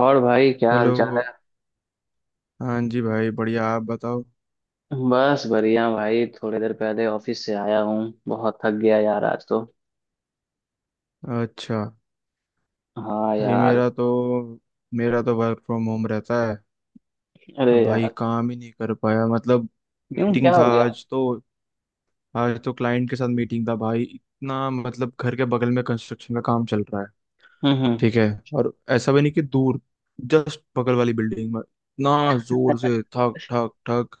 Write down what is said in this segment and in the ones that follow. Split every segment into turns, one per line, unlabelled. और भाई क्या हाल चाल है।
हेलो। हाँ जी भाई, बढ़िया। आप बताओ।
बस बढ़िया भाई, थोड़ी देर पहले ऑफिस से आया हूँ। बहुत थक गया यार आज तो।
अच्छा।
हाँ
भाई
यार।
मेरा तो वर्क फ्रॉम होम रहता है। तो
अरे
भाई
यार।
काम ही नहीं कर पाया, मतलब।
क्यों,
मीटिंग
क्या
था
हो गया?
आज तो। आज तो क्लाइंट के साथ मीटिंग था भाई, इतना मतलब घर के बगल में कंस्ट्रक्शन का काम चल रहा है।
हम्म।
ठीक है। और ऐसा भी नहीं कि दूर, जस्ट बगल वाली बिल्डिंग में। इतना जोर से ठक ठक ठक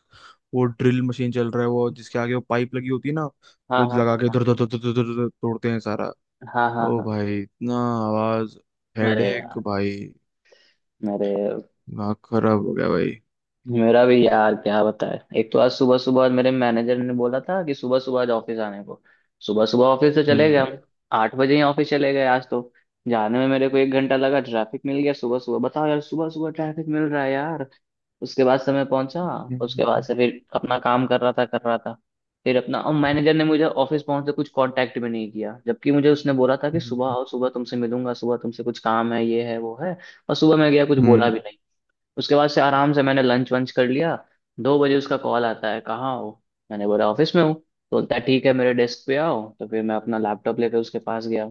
वो ड्रिल मशीन चल रहा है, वो जिसके आगे वो पाइप लगी होती है ना, वो
हाँ हाँ
लगा के
हाँ।
धर धर धर धर धर धर तोड़ते हैं सारा।
हाँ हाँ
ओ
हाँ।
भाई इतना आवाज,
अरे
हेडेक
यार।
भाई।
मेरे
दिमाग खराब हो गया भाई।
मेरा भी यार क्या बताए, एक तो आज सुबह सुबह मेरे मैनेजर ने बोला था कि सुबह सुबह आज ऑफिस आने को। सुबह सुबह ऑफिस से चले गए
हम्म।
हम। 8 बजे ही ऑफिस चले गए आज तो। जाने में मेरे को 1 घंटा लगा, ट्रैफिक मिल गया सुबह सुबह। बताओ यार, सुबह सुबह ट्रैफिक मिल रहा है यार। उसके बाद समय पहुंचा। उसके बाद
हम्म।
से फिर अपना काम कर रहा था। फिर अपना, और मैनेजर ने मुझे ऑफिस पहुंचते कुछ कांटेक्ट भी नहीं किया, जबकि मुझे उसने बोला था कि सुबह
हम्म,
आओ, सुबह तुमसे मिलूंगा, सुबह तुमसे कुछ काम है, ये है वो है। और सुबह मैं गया, कुछ बोला
हम्म,
भी नहीं। उसके बाद से आराम से मैंने लंच वंच कर लिया। 2 बजे उसका कॉल आता है, कहाँ हो। मैंने बोला ऑफिस में हूँ, तो बोलता है ठीक है मेरे डेस्क पे आओ। तो फिर मैं अपना लैपटॉप लेकर उसके पास गया।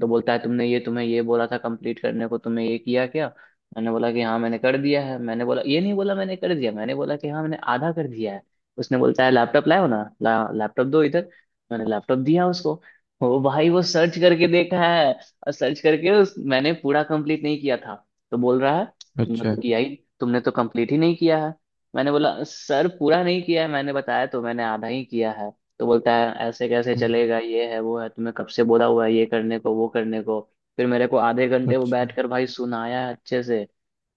तो बोलता है तुमने ये तुम्हें ये बोला था कंप्लीट करने को, तुमने ये किया क्या? मैंने बोला कि हाँ मैंने कर दिया है। मैंने बोला ये नहीं, बोला मैंने कर दिया, मैंने बोला कि हाँ मैंने आधा कर दिया है। उसने बोलता है लैपटॉप लाओ ना, लैपटॉप दो इधर। मैंने लैपटॉप दिया उसको। वो भाई वो सर्च करके देखा है। और सर्च करके उस, मैंने पूरा कंप्लीट नहीं किया था। तो बोल रहा है तुमने
अच्छा।
तो किया ही, तुमने तो कंप्लीट ही नहीं किया है। मैंने बोला सर पूरा नहीं किया है मैंने बताया तो, मैंने आधा ही किया है। तो बोलता है ऐसे कैसे
हम्म।
चलेगा, ये है वो है, तुम्हें कब से बोला हुआ है ये करने को वो करने को। फिर मेरे को आधे घंटे वो
अच्छा।
बैठ कर भाई सुनाया अच्छे से।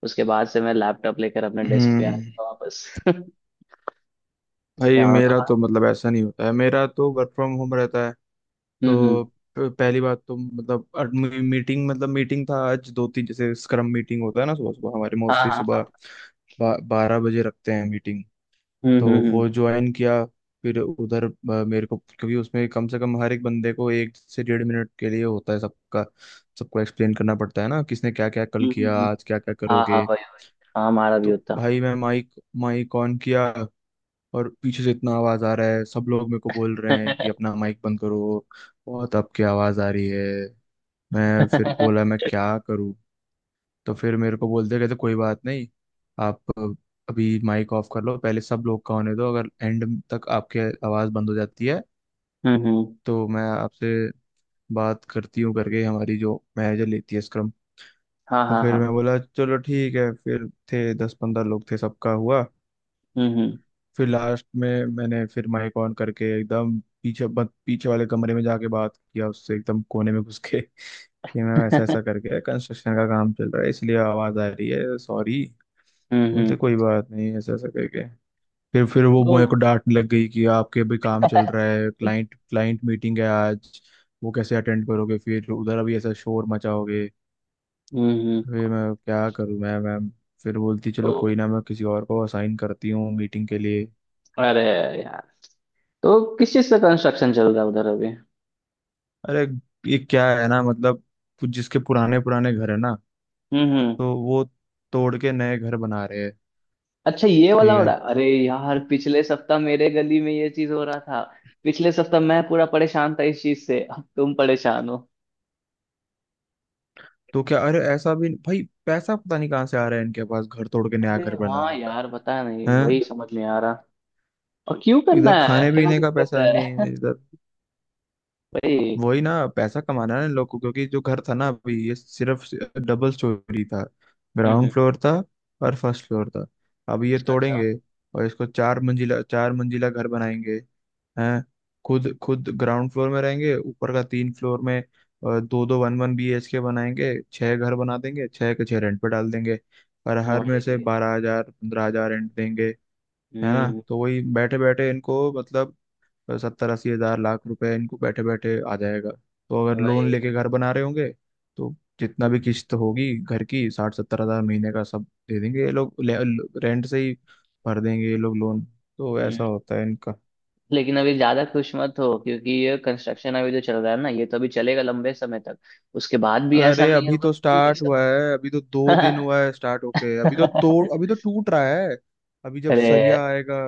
उसके बाद से मैं लैपटॉप लेकर अपने डेस्क पे आ
हम्म।
गया वापस। क्या
भाई
होना
मेरा तो,
था।
मतलब ऐसा नहीं होता है, मेरा तो वर्क फ्रॉम होम रहता है।
हम्म।
तो पहली बात तो मतलब मीटिंग, मीटिंग था आज। दो तीन जैसे स्क्रम मीटिंग होता है ना, सुबह सुबह हमारे
हाँ
मोस्टली
हाँ हाँ।
सुबह 12 बजे रखते हैं मीटिंग। तो वो
हम्म।
ज्वाइन किया। फिर उधर मेरे को, क्योंकि उसमें कम से कम हर एक बंदे को 1 से 1.5 मिनट के लिए होता है। सबका, सबको एक्सप्लेन करना पड़ता है ना, किसने क्या क्या कल
हम्म, हम्म,
किया,
हम्म।
आज क्या क्या
हाँ हाँ
करोगे।
भाई। हाँ हमारा भी
तो
होता।
भाई मैं माइक माइक ऑन किया और पीछे से इतना आवाज आ रहा है। सब लोग मेरे को बोल रहे हैं कि अपना माइक बंद करो, बहुत आपकी आवाज आ रही है। मैं फिर बोला, मैं क्या करूँ। तो फिर मेरे को बोलते कहते कोई बात नहीं, आप अभी माइक ऑफ कर लो, पहले सब लोग का होने दो, अगर एंड तक आपके आवाज़ बंद हो जाती है
हम्म।
तो मैं आपसे बात करती हूँ, करके हमारी जो मैनेजर लेती है स्क्रम।
हाँ
तो
हाँ
फिर
हाँ।
मैं बोला चलो ठीक है। फिर थे 10-15 लोग थे, सबका हुआ।
हम्म।
फिर लास्ट में मैंने फिर माइक ऑन करके एकदम पीछे पीछे वाले कमरे में जाके बात किया उससे, एकदम कोने में घुस के, कि मैम ऐसा ऐसा करके कंस्ट्रक्शन का काम चल रहा है, इसलिए आवाज़ आ रही है, सॉरी। बोलते
हम्म।
कोई बात नहीं, ऐसा ऐसा करके। फिर वो
तो।
मेरे को डांटने लग गई कि आपके अभी काम चल रहा है, क्लाइंट क्लाइंट मीटिंग है आज, वो कैसे अटेंड करोगे, फिर उधर अभी ऐसा शोर मचाओगे।
हम्म।
फिर मैं क्या करूँ, मैं, मैम। फिर बोलती
तो।
चलो कोई ना, मैं किसी और को असाइन करती हूँ मीटिंग के लिए।
अरे यार। तो किस चीज का कंस्ट्रक्शन चल रहा है उधर अभी?
अरे ये क्या है ना, मतलब कुछ जिसके पुराने पुराने घर है ना,
हम्म।
तो वो तोड़ के नए घर बना रहे हैं।
अच्छा, ये वाला
ठीक
हो
है।
रहा। अरे यार, पिछले सप्ताह मेरे गली में ये चीज हो रहा था। पिछले सप्ताह मैं पूरा परेशान था इस चीज से, अब तुम परेशान हो।
तो क्या, अरे ऐसा भी भाई पैसा पता नहीं कहाँ से आ रहा है इनके पास घर तोड़ के नया
अरे
घर
हाँ
बनाने का
यार, पता नहीं,
है।
वही समझ नहीं आ रहा। और क्यों करना
इधर
है,
खाने
क्या
पीने का
दिक्कत
पैसा नहीं
है?
है, इधर
वही।
वही ना, पैसा कमाना है इन लोग को क्योंकि जो घर था ना, अभी ये सिर्फ डबल स्टोरी था,
हम्म हम्म,
ग्राउंड फ्लोर था और फर्स्ट फ्लोर था। अब ये
अच्छा अच्छा।
तोड़ेंगे और इसको 4 मंजिला चार मंजिला घर बनाएंगे। हैं, खुद खुद ग्राउंड फ्लोर में रहेंगे, ऊपर का 3 फ्लोर में दो दो 1 1 BHK बनाएंगे। छह घर बना देंगे, छह के छह रेंट पे डाल देंगे। और हर में से
वही।
12 हजार 15 हजार रेंट देंगे। है ना,
हम्म।
तो वही बैठे बैठे इनको, मतलब तो 70-80 हजार लाख रुपए इनको बैठे बैठे आ जाएगा। तो अगर लोन लेके
वही।
घर बना रहे होंगे तो जितना भी किस्त होगी घर की, 60-70 हजार महीने का सब दे देंगे ये लोग रेंट से ही। भर देंगे ये लोग लोन। तो
हम्म।
ऐसा होता है इनका।
लेकिन अभी ज्यादा खुश मत हो, क्योंकि ये कंस्ट्रक्शन अभी जो चल रहा है ना, ये तो अभी चलेगा लंबे समय तक। उसके बाद भी ऐसा
अरे
नहीं
अभी
होगा
तो
कि ये
स्टार्ट
सब।
हुआ है, अभी तो 2 दिन हुआ है स्टार्ट होके, अभी तो तोड़, अभी तो टूट रहा है। अभी जब
अरे
सरिया आएगा,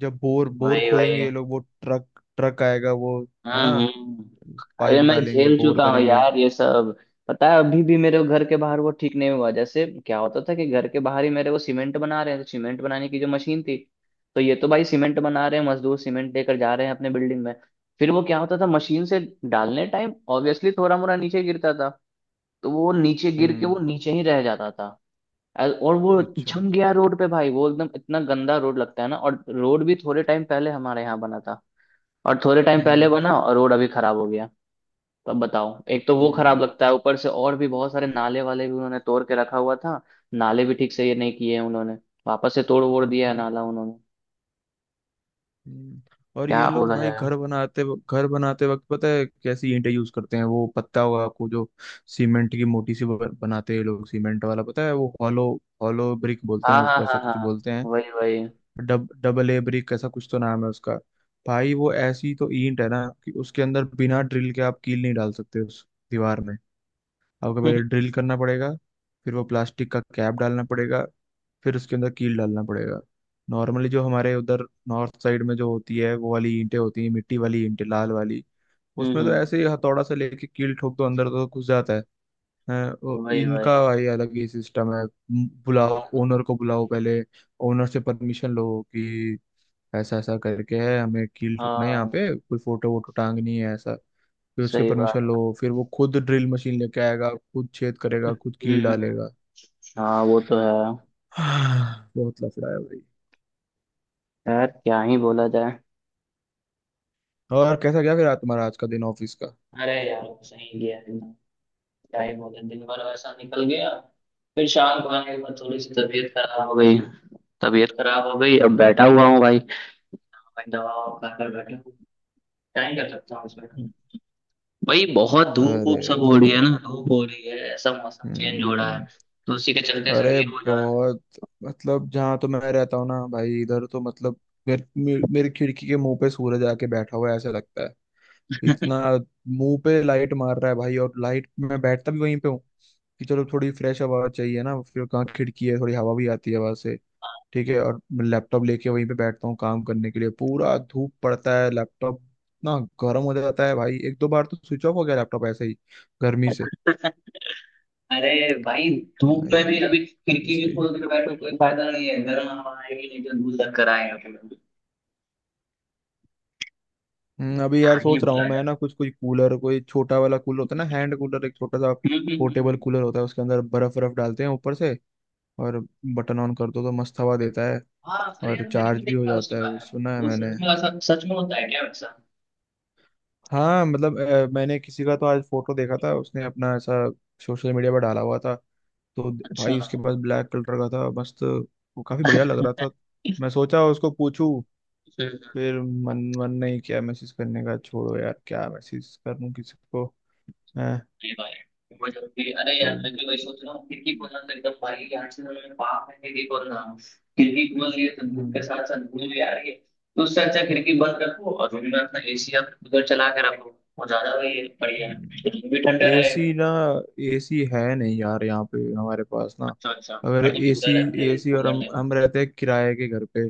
जब बोर बोर
वही
खोदेंगे
वही।
ये लोग, वो ट्रक ट्रक आएगा वो, है ना,
हम्म हम्म। अरे
पाइप
मैं
डालेंगे,
झेल
बोर
चुका हूँ
करेंगे।
यार ये सब। पता है, अभी भी मेरे घर के बाहर वो ठीक नहीं हुआ। जैसे क्या होता था कि घर के बाहर ही मेरे वो सीमेंट बना रहे हैं, तो सीमेंट बनाने की जो मशीन थी। तो ये तो भाई सीमेंट बना रहे हैं, मजदूर सीमेंट लेकर जा रहे हैं अपने बिल्डिंग में। फिर वो क्या होता था, मशीन से डालने टाइम ऑब्वियसली थोड़ा मोड़ा नीचे गिरता था। तो वो नीचे गिर के वो
हम्म।
नीचे ही रह जाता था। और वो
अच्छा।
जम गया रोड पे भाई, वो एकदम इतना गंदा रोड लगता है ना, और रोड भी थोड़े टाइम पहले हमारे यहाँ बना था। और थोड़े टाइम पहले
हम्म।
बना और रोड अभी खराब हो गया। तो अब बताओ, एक तो वो खराब
हम्म,
लगता है ऊपर से, और भी बहुत सारे नाले वाले भी उन्होंने तोड़ के रखा हुआ था। नाले भी ठीक से ये नहीं किए हैं उन्होंने। वापस से तोड़ वोड़ दिया है
हम्म,
नाला उन्होंने।
हम्म। और ये
क्या
लोग
बोला
भाई
जाए।
घर बनाते, घर बनाते वक्त पता है कैसी ईंटें यूज करते हैं, वो पता होगा आपको, जो सीमेंट की मोटी सी बनाते हैं ये लोग सीमेंट वाला, पता है वो हॉलो हॉलो ब्रिक बोलते हैं
हाँ हाँ
उसको, ऐसा
हाँ
कुछ
हाँ।
बोलते हैं,
वही वही।
डब डबल ए ब्रिक ऐसा कुछ तो नाम है उसका। भाई वो ऐसी तो ईंट है ना कि उसके अंदर बिना ड्रिल के आप कील नहीं डाल सकते उस दीवार में। आपको पहले ड्रिल करना पड़ेगा, फिर वो प्लास्टिक का कैप डालना पड़ेगा, फिर उसके अंदर कील डालना पड़ेगा। नॉर्मली जो हमारे उधर नॉर्थ साइड में जो होती है वो वाली ईंटें होती हैं, मिट्टी वाली ईंटें लाल वाली,
हम्म
उसमें तो
हम्म,
ऐसे ही हथौड़ा से लेके कील ठोक दो अंदर तो घुस जाता है। हैं, वो
वही
इनका
वही।
ये अलग ही सिस्टम है। बुलाओ ओनर को, बुलाओ पहले ओनर से परमिशन लो कि ऐसा ऐसा करके है, हमें कील ठोकना है यहाँ
हाँ
पे, कोई फोटो वोटो टांगनी है ऐसा, फिर उसके
सही
परमिशन
बात।
लो, फिर वो खुद ड्रिल मशीन लेके आएगा, खुद छेद करेगा, खुद
हम्म
कील
हम्म।
डालेगा।
हाँ वो तो है।
हाँ, बहुत लफड़ा है भाई।
यार क्या ही बोला जाए।
और कैसा गया फिर आज तुम्हारा आज का दिन ऑफिस का?
अरे यार सही गया एकदम। क्या ही बोले, दिन भर वैसा निकल गया। फिर शाम को आने के बाद थोड़ी सी तबीयत खराब हो गई। तबीयत खराब हो गई, अब
हम्म।
बैठा हुआ हूँ भाई। दबाव कर कर बैठा हूँ। क्या ही कर सकता हूँ उसमें। भाई बहुत धूप
अरे
वूप सब हो रही
सही।
है ना, धूप हो रही है, ऐसा मौसम चेंज हो रहा
हम्म।
है। तो उसी के चलते सब
अरे
ये हो जा रहा
बहुत, मतलब जहाँ तो मैं रहता हूँ ना भाई, इधर तो मतलब मेरी खिड़की के मुंह पे सूरज आके बैठा हुआ है ऐसा लगता है, इतना मुंह पे लाइट मार रहा है भाई। और लाइट, मैं बैठता भी वहीं पे हूँ कि चलो थोड़ी फ्रेश हवा चाहिए ना, फिर कहाँ खिड़की है, थोड़ी हवा भी आती है वहां से। ठीक है, और मैं लैपटॉप लेके वहीं पे बैठता हूँ काम करने के लिए। पूरा धूप पड़ता है, लैपटॉप इतना गर्म हो जाता है भाई, एक दो बार तो स्विच ऑफ हो गया लैपटॉप ऐसे ही, गर्मी से।
है। अरे भाई। धूप
हाँ, ये
में भी
ये
अभी
भी
खिड़की भी
सही है।
खोल के बैठो कोई फायदा नहीं है, गर्म हवा आएगी, नहीं तो धूल लग कर आएगा फिर।
अभी यार
यहाँ ही
सोच रहा हूँ
बोला जा।
मैं ना, कुछ कोई कूलर, कोई छोटा वाला कूलर होता है ना, हैंड कूलर, एक छोटा सा
हम्म हम्म, हम्म,
पोर्टेबल
हम्म।
कूलर होता है, उसके अंदर बर्फ बर्फ डालते हैं ऊपर से, और बटन ऑन कर दो तो मस्त हवा देता है।
हाँ अरे
और
यार, मैंने भी
चार्ज भी हो
देखा उसके
जाता है वो,
बारे में,
सुना है
वो
मैंने।
सच में ऐसा सच में होता है क्या वैसा?
हाँ मतलब, मैंने किसी का तो आज फोटो देखा था, उसने अपना ऐसा सोशल मीडिया पर डाला हुआ था। तो
अच्छा।
भाई उसके पास ब्लैक कलर का था मस्त, वो काफी बढ़िया लग रहा था। मैं सोचा उसको पूछूं, फिर मन मन नहीं किया मैसेज करने का। छोड़ो यार क्या मैसेज करूं किसी को। है
अरे भाई। वो जब भी, अरे
तो।
यार मैं भी वही सोच रहा हूँ, खिड़की खोलना तो एकदम भाई यार से मैं पाप है खिड़की खोलना। खिड़की खोल रही है तो धूप के
हम्म।
साथ साथ धूल भी आ रही है, तो उससे अच्छा खिड़की बंद रखो और रूम में अपना एसी या फिर कूलर चला के रखो। वो ज्यादा वही बढ़िया है। रूम भी ठंडा रहेगा।
एसी ना, एसी है नहीं यार यहाँ पे हमारे पास ना।
अच्छा अच्छा।
अगर
और जो
एसी
कूलर रहता है
एसी और
कूलर
हम
रहता है।
हम रहते हैं किराए के घर पे।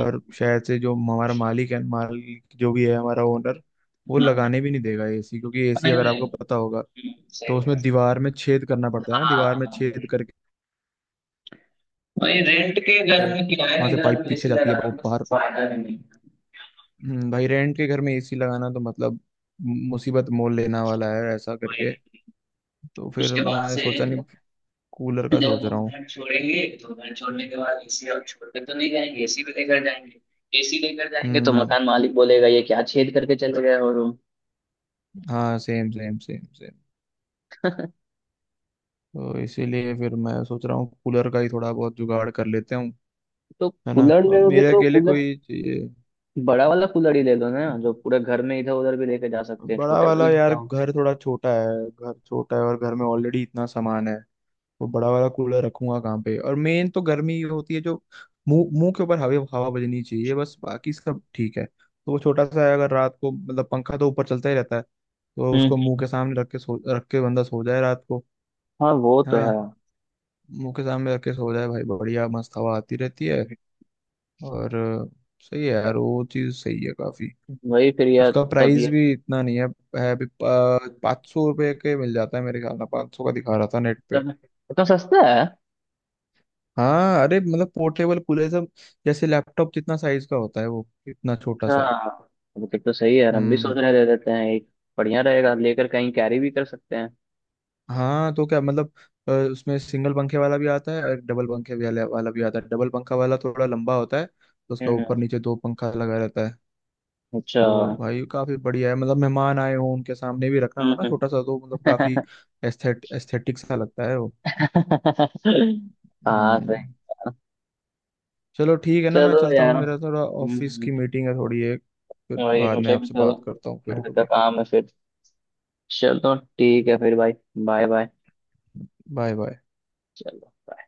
और शायद से जो हमारा मालिक है, मालिक जो भी है, हमारा ओनर, वो
हाँ
लगाने भी नहीं देगा एसी। क्योंकि
हाँ,
एसी
नहीं
अगर आपको
नहीं।
पता होगा
हम्म,
तो
सही है।
उसमें दीवार में छेद करना पड़ता है ना,
हाँ
दीवार में
हाँ,
छेद करके
वही रेंट के घर में, किराए
वहां
के
से
घर
पाइप
में
पीछे
एसी
जाती है
लगाना
वो
कुछ
बाहर।
फायदा भी नहीं है।
भाई रेंट के घर में एसी लगाना तो मतलब मुसीबत मोल लेना वाला है ऐसा
वही।
करके, तो फिर
उसके बाद
मैं
से
सोचा नहीं। कूलर का
जब
सोच
वो
रहा हूँ।
घर छोड़ेंगे, तो घर छोड़ने के बाद एसी और छोड़कर तो नहीं जाएंगे, एसी भी लेकर जाएंगे। एसी लेकर जाएंगे तो
हम्म।
मकान मालिक बोलेगा ये क्या छेद करके चले गए हो रूम।
हाँ, सेम सेम सेम सेम। तो इसीलिए फिर मैं सोच रहा हूँ कूलर का ही थोड़ा बहुत जुगाड़ कर लेते हूँ।
तो
है ना,
कूलर
अब
लोगे
मेरे
तो
अकेले
कूलर,
कोई चाहिए
बड़ा वाला कूलर ही ले लो ना, जो पूरे घर में इधर उधर भी लेके जा सकते हैं,
बड़ा
छोटे
वाला,
वाले में क्या
यार
हो।
घर थोड़ा छोटा है, घर छोटा है और घर में ऑलरेडी इतना सामान है। वो बड़ा वाला कूलर रखूंगा कहाँ पे? और मेन तो गर्मी ही होती है जो मुंह मुंह के ऊपर हवा हवा बजनी चाहिए, बस बाकी सब ठीक है। तो वो छोटा सा है, अगर रात को मतलब पंखा तो ऊपर चलता ही रहता है, तो
हम्म।
उसको मुंह के सामने रख के बंदा सो जाए रात को।
हाँ वो
है
तो
ना,
है।
मुंह के सामने रख के सो जाए भाई, बढ़िया मस्त हवा आती रहती है। और सही है यार वो चीज, सही है काफी।
वही फिर यार।
उसका
तब ये
प्राइस भी इतना नहीं है, है भी 500 रुपये के मिल जाता है मेरे ख्याल में, 500 का दिखा रहा था नेट पे।
इतना सस्ता है?
हाँ अरे मतलब पोर्टेबल कूलर सब जैसे लैपटॉप जितना साइज का होता है, वो इतना छोटा
अच्छा।
सा।
अब तक तो सही है यार, हम भी सोच
हम्म।
रहे दे देते हैं एक। बढ़िया रहेगा लेकर, कहीं कैरी भी कर सकते हैं।
हाँ तो क्या मतलब, उसमें सिंगल पंखे वाला भी आता है, और डबल पंखे वाला वाला भी आता है। डबल पंखा वाला थोड़ा लंबा होता है, तो उसका ऊपर
हम्म।
नीचे दो पंखा लगा रहता है।
अच्छा।
तो भाई काफी बढ़िया है, मतलब मेहमान आए हो उनके सामने भी रखना हो ना
हम्म।
छोटा सा, तो मतलब काफी एस्थेटिक सा लगता है वो।
हाँ
हम्म।
सही कहा।
चलो ठीक है ना, मैं
चलो
चलता
यार।
हूँ, मेरा थोड़ा ऑफिस
हम्म,
की मीटिंग है थोड़ी एक। फिर
वही
बाद में
मुझे भी
आपसे बात करता हूँ
थोड़ा
फिर
घर का
कभी।
काम है फिर। चलो ठीक है फिर भाई। Bye bye.
Bye bye.
चलो